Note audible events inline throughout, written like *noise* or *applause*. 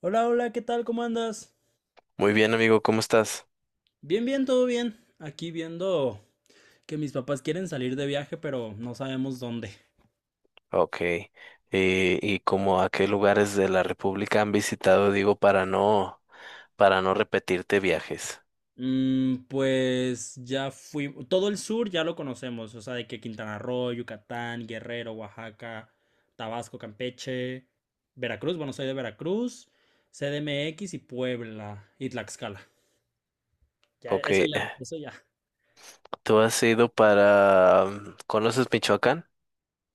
Hola, hola, ¿qué tal? ¿Cómo andas? Muy bien, amigo, ¿cómo estás? Bien, bien, todo bien. Aquí viendo que mis papás quieren salir de viaje, pero no sabemos dónde. Ok. ¿Y cómo a qué lugares de la República han visitado, digo, para no repetirte viajes? Pues ya fui, todo el sur ya lo conocemos, o sea, de que Quintana Roo, Yucatán, Guerrero, Oaxaca, Tabasco, Campeche, Veracruz, bueno, soy de Veracruz, CDMX y Puebla y Tlaxcala. Ya, Ok. eso ya, eso ya. ¿Tú has ido para... mm, ¿Conoces Michoacán?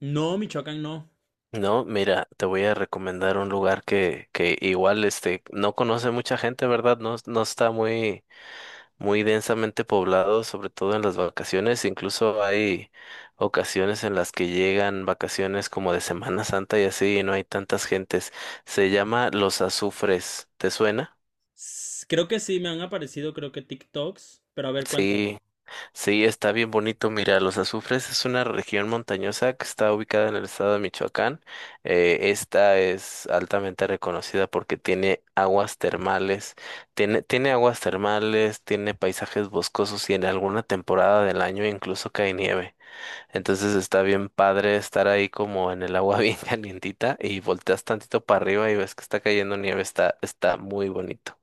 No, Michoacán no. No, mira, te voy a recomendar un lugar que igual, este, no conoce mucha gente, ¿verdad? No, no está muy densamente poblado, sobre todo en las vacaciones. Incluso hay ocasiones en las que llegan vacaciones como de Semana Santa y así, y no hay tantas gentes. Se llama Los Azufres. ¿Te suena? Creo que sí, me han aparecido, creo que TikToks, pero a ver, cuéntame. Sí. Sí, está bien bonito. Mira, Los Azufres es una región montañosa que está ubicada en el estado de Michoacán. Esta es altamente reconocida porque tiene aguas termales, tiene aguas termales, tiene paisajes boscosos y en alguna temporada del año incluso cae nieve. Entonces está bien padre estar ahí como en el agua *laughs* bien calientita y volteas tantito para arriba y ves que está cayendo nieve. Está, está muy bonito.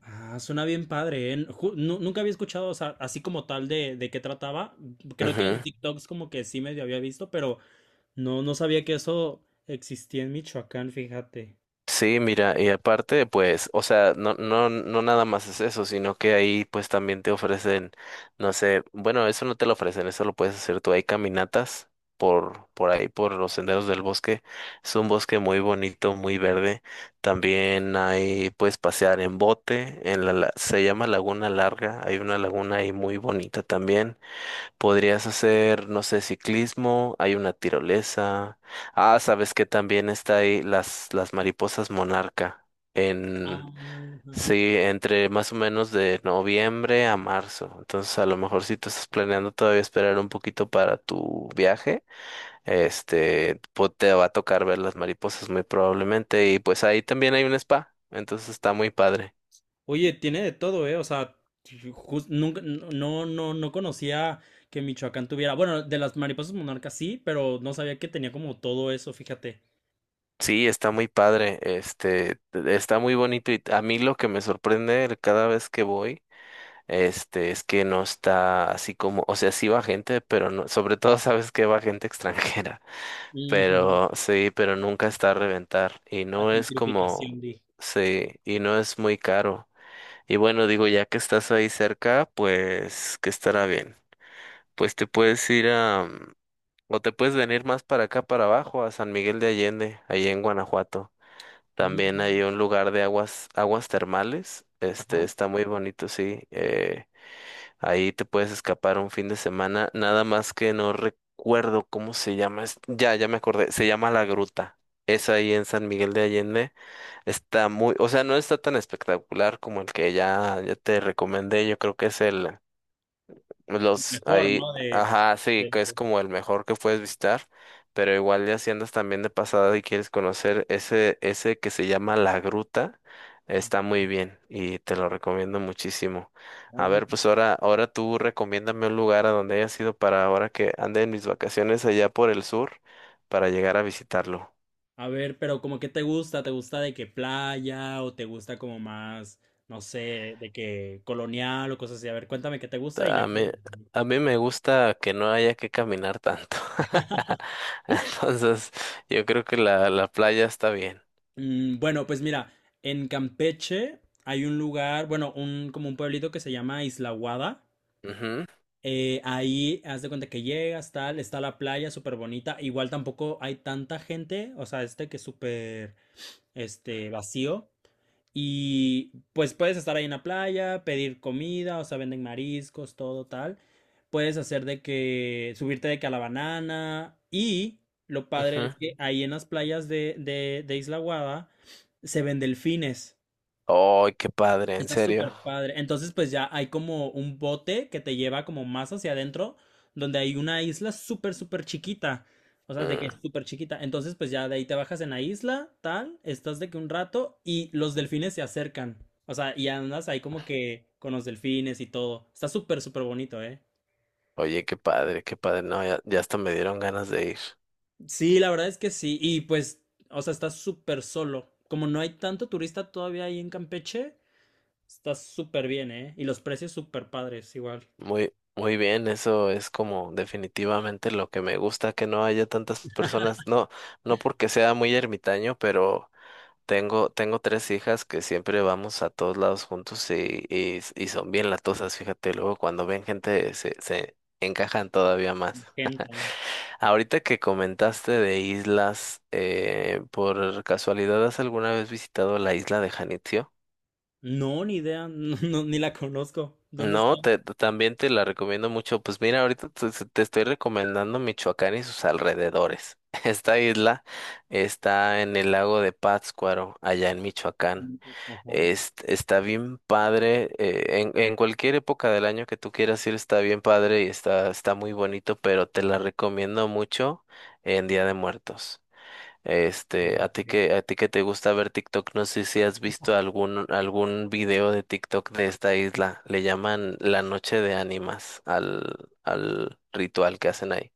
Ah, suena bien padre, ¿eh? Nunca había escuchado, o sea, así como tal de qué trataba. Creo que en Ujú. TikToks como que sí medio había visto, pero no, no sabía que eso existía en Michoacán, fíjate. Sí, mira, y aparte, pues, o sea, no, no, no nada más es eso, sino que ahí pues también te ofrecen, no sé, bueno, eso no te lo ofrecen, eso lo puedes hacer tú. Hay caminatas por ahí, por los senderos del bosque. Es un bosque muy bonito, muy verde. También hay, puedes pasear en bote, se llama Laguna Larga, hay una laguna ahí muy bonita también. Podrías hacer, no sé, ciclismo, hay una tirolesa. Ah, sabes que también está ahí las mariposas monarca. En, Ah, ajá. sí, entre más o menos de noviembre a marzo. Entonces, a lo mejor si tú estás planeando todavía esperar un poquito para tu viaje, este, te va a tocar ver las mariposas muy probablemente. Y pues ahí también hay un spa. Entonces está muy padre. Oye, tiene de todo, ¿eh? O sea, nunca, no, no, no conocía que Michoacán tuviera. Bueno, de las mariposas monarcas sí, pero no sabía que tenía como todo eso, fíjate. Sí, está muy padre, este, está muy bonito y a mí lo que me sorprende cada vez que voy. Este, es que no está así como, o sea, sí va gente, pero no, sobre todo sabes que va gente *laughs* extranjera, Ujú. pero sí, pero nunca está a reventar y La no es como, gentrificación, dije. sí, y no es muy caro. Y bueno, digo, ya que estás ahí cerca, pues que estará bien. Pues te puedes ir a, o te puedes venir más para acá, para abajo, a San Miguel de Allende, ahí en Guanajuato. Ujú. También hay un lugar de aguas, aguas termales, este, Ajá. está muy bonito, sí. Ahí te puedes escapar un fin de semana, nada más que no recuerdo cómo se llama. Ya, ya me acordé, se llama La Gruta. Es ahí en San Miguel de Allende. Está muy, o sea, no está tan espectacular como el que ya, ya te recomendé. Yo creo que es el los Mejor, ahí, ¿no? Ajá, sí, de- que es como el mejor que puedes visitar, pero igual ya si andas también de pasada y quieres conocer ese, ese que se llama La Gruta, está muy bien y te lo recomiendo muchísimo. A Ay, ver, pues pues, ahora tú recomiéndame un lugar a donde hayas ido para ahora que ande en mis vacaciones allá por el sur para llegar a visitarlo. a ver, pero como que ¿te gusta de que playa o te gusta como más, no sé, de que colonial o cosas así? A ver, cuéntame qué te gusta y ya. A mí, a mí me gusta que no haya que caminar tanto. *laughs* Entonces, yo creo que la playa está bien. Bueno, pues mira, en Campeche hay un lugar, bueno, un como un pueblito que se llama Isla Guada. Ujú. Ahí haz de cuenta que llegas, tal, está la playa súper bonita. Igual tampoco hay tanta gente, o sea, este que es súper, vacío. Y pues puedes estar ahí en la playa, pedir comida, o sea, venden mariscos, todo tal. Puedes hacer de que subirte de que a la banana. Y lo padre es Ujú. que ahí en las playas de Isla Guada se ven delfines. ¡Ay, qué padre! ¿En Está súper serio? padre. Entonces, pues ya hay como un bote que te lleva como más hacia adentro, donde hay una isla súper, súper chiquita. O sea, de que Mm, es súper chiquita. Entonces, pues ya de ahí te bajas en la isla, tal, estás de que un rato y los delfines se acercan. O sea, y andas ahí como que con los delfines y todo. Está súper, súper bonito, ¿eh? Oye, qué padre, qué padre. No, ya, ya hasta me dieron ganas de ir. Sí, la verdad es que sí. Y pues, o sea, está súper solo. Como no hay tanto turista todavía ahí en Campeche, está súper bien, ¿eh? Y los precios súper padres, igual. Muy, muy bien, eso es como definitivamente lo que me gusta, que no haya tantas personas. No, no porque sea muy ermitaño, pero tengo, tengo tres hijas que siempre vamos a todos lados juntos y son bien latosas, fíjate. Luego cuando ven gente se encajan todavía más. Gente. Ahorita que comentaste de islas, ¿por casualidad has alguna vez visitado la isla de Janitzio? No, ni idea, *laughs* no, no, ni la conozco. ¿Dónde está? No, también te la recomiendo mucho. Pues mira, ahorita te estoy recomendando Michoacán y sus alrededores. *laughs* Esta isla está en el lago de Pátzcuaro, allá en Michoacán. Ajá. Está bien padre. En cualquier época del año que tú quieras ir, está bien padre y está, está muy bonito, pero te la recomiendo mucho en Día de Muertos. eh, Este, a ti eh, que, a ti que te gusta ver TikTok, no sé si has visto algún video de TikTok de esta isla. Le llaman la noche de ánimas al ritual que hacen ahí.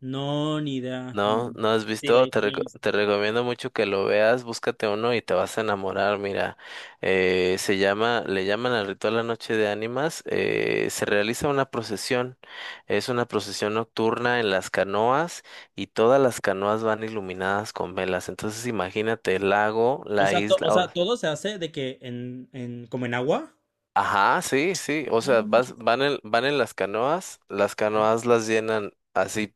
No, ni idea. No, Mm, no has sí, de visto, ahí sí no he visto. te recomiendo mucho que lo veas, búscate uno y te vas a enamorar, mira, le llaman al ritual La Noche de Ánimas, se realiza una procesión, es una procesión nocturna en las canoas y todas las canoas van iluminadas con velas, entonces imagínate el lago, O la sea, o isla, sea, todo se hace de que como en agua. ajá, sí, sí, Ah, o sea, no vas, manches. van en, van en las canoas, las canoas las llenan así.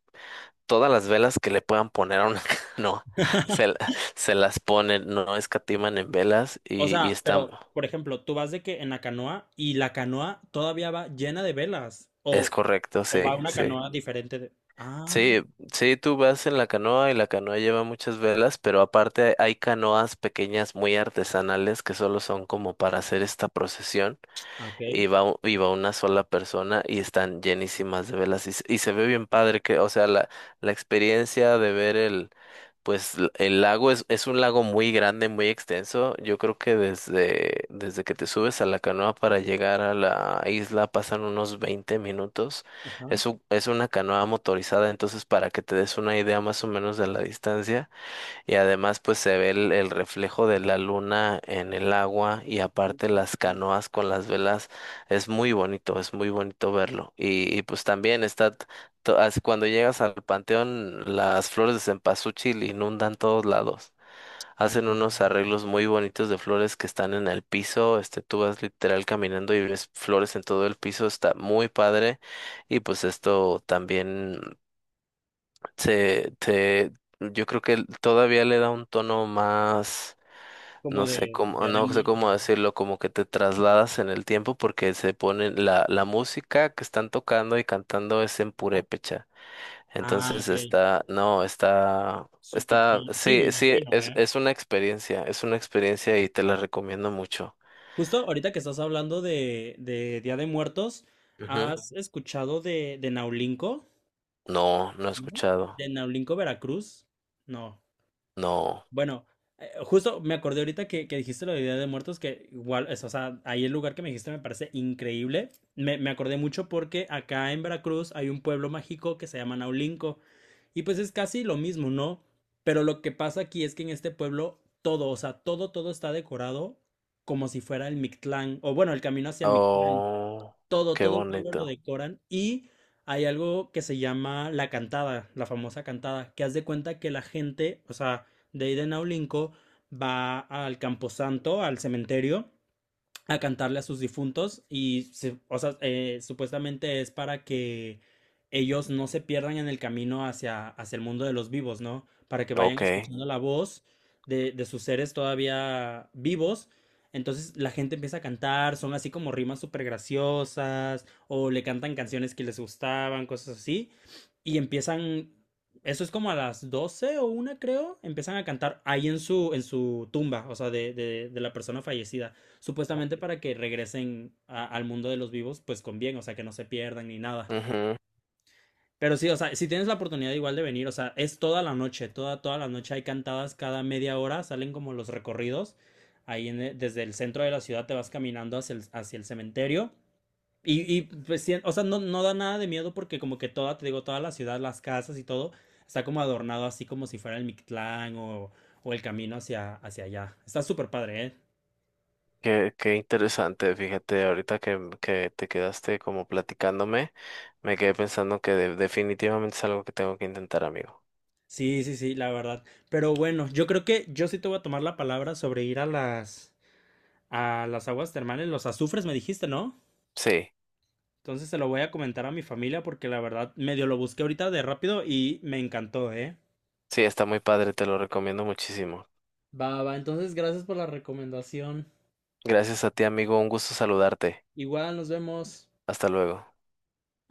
Todas las velas que le puedan poner a una *laughs* canoa, se las ponen, no escatiman en velas O y sea, está, pero, por ejemplo, tú vas de que en la canoa y la canoa todavía va llena de velas. es O, correcto, o va sí, una sí. canoa diferente de. Ah, Sí, sí, tú vas en la canoa y la canoa lleva muchas velas, pero aparte hay canoas pequeñas muy artesanales que solo son como para hacer esta procesión ah, ok. y va, y va una sola persona y están llenísimas de velas y, y se ve bien padre que, o sea, la experiencia de ver el, pues el lago es un lago muy grande, muy extenso. Yo creo que desde que te subes a la canoa para llegar a la isla pasan unos 20 minutos. Ajá. Es una canoa motorizada, entonces para que te des una idea más o menos de la distancia. Y además pues se ve el reflejo de la luna en el agua y aparte las canoas con las velas. Es muy bonito verlo. Y, pues también está, cuando llegas al panteón, las flores de cempasúchil inundan todos lados. Hacen Ah, unos arreglos muy bonitos de flores que están en el piso. Este, tú vas literal caminando y ves flores en todo el piso. Está muy padre. Y pues esto también te, te, yo creo que todavía le da un tono más, como no de sé cómo, Día de no sé Muertos, cómo ¿no? decirlo, como que te trasladas en el tiempo porque se pone la música que están tocando y cantando es en Ah, purépecha. ah, Entonces ok. está, no, está, Súper. está, Sí, me sí, sí, imagino, ¿eh? Es una experiencia y te la recomiendo mucho. Justo ahorita que estás hablando de Día de Muertos, Ujú. ¿has escuchado de Naulinco? No, no he Ujú. escuchado. ¿De Naulinco, Veracruz? No. No. Bueno, justo me acordé ahorita que dijiste lo de Día de Muertos, que igual, es, o sea, ahí el lugar que me dijiste me parece increíble. Me acordé mucho porque acá en Veracruz hay un pueblo mágico que se llama Naulinco. Y pues es casi lo mismo, ¿no? Pero lo que pasa aquí es que en este pueblo todo, o sea, todo, todo está decorado como si fuera el Mictlán, o bueno, el camino hacia el Mictlán. Oh, Todo, qué todo el pueblo lo bonito. decoran y hay algo que se llama la cantada, la famosa cantada, que haz de cuenta que la gente, o sea, de ahí de Naulinco, va al Camposanto, al cementerio, a cantarle a sus difuntos y o sea, supuestamente es para que ellos no se pierdan en el camino hacia el mundo de los vivos, ¿no? Para que vayan Ok. escuchando la voz de sus seres todavía vivos. Entonces la gente empieza a cantar, son así como rimas súper graciosas, o le cantan canciones que les gustaban, cosas así, y empiezan, eso es como a las 12 o 1 creo, empiezan a cantar ahí en su tumba, o sea, de la persona fallecida. Supuestamente para que regresen al mundo de los vivos, pues con bien, o sea, que no se pierdan ni nada. Ujú. Pero sí, o sea, si tienes la oportunidad igual de venir, o sea, es toda la noche, toda, toda la noche hay cantadas cada media hora, salen como los recorridos. Ahí en desde el centro de la ciudad te vas caminando hacia el cementerio. Pues, sí, o sea, no, no da nada de miedo porque como que toda, te digo, toda la ciudad, las casas y todo, está como adornado así como si fuera el Mictlán o el camino hacia allá. Está súper padre, ¿eh? Qué, qué interesante, fíjate, ahorita que te quedaste como platicándome, me quedé pensando que definitivamente es algo que tengo que intentar, amigo. Sí, sí, sí, la verdad. Pero bueno, yo creo que yo sí te voy a tomar la palabra sobre ir a las aguas termales, los azufres me dijiste, ¿no? Sí, Entonces se lo voy a comentar a mi familia porque la verdad medio lo busqué ahorita de rápido y me encantó, ¿eh? sí, está muy padre, te lo recomiendo muchísimo. Va, va, entonces gracias por la recomendación. Gracias a ti, amigo, un gusto saludarte. Igual nos vemos. Hasta luego.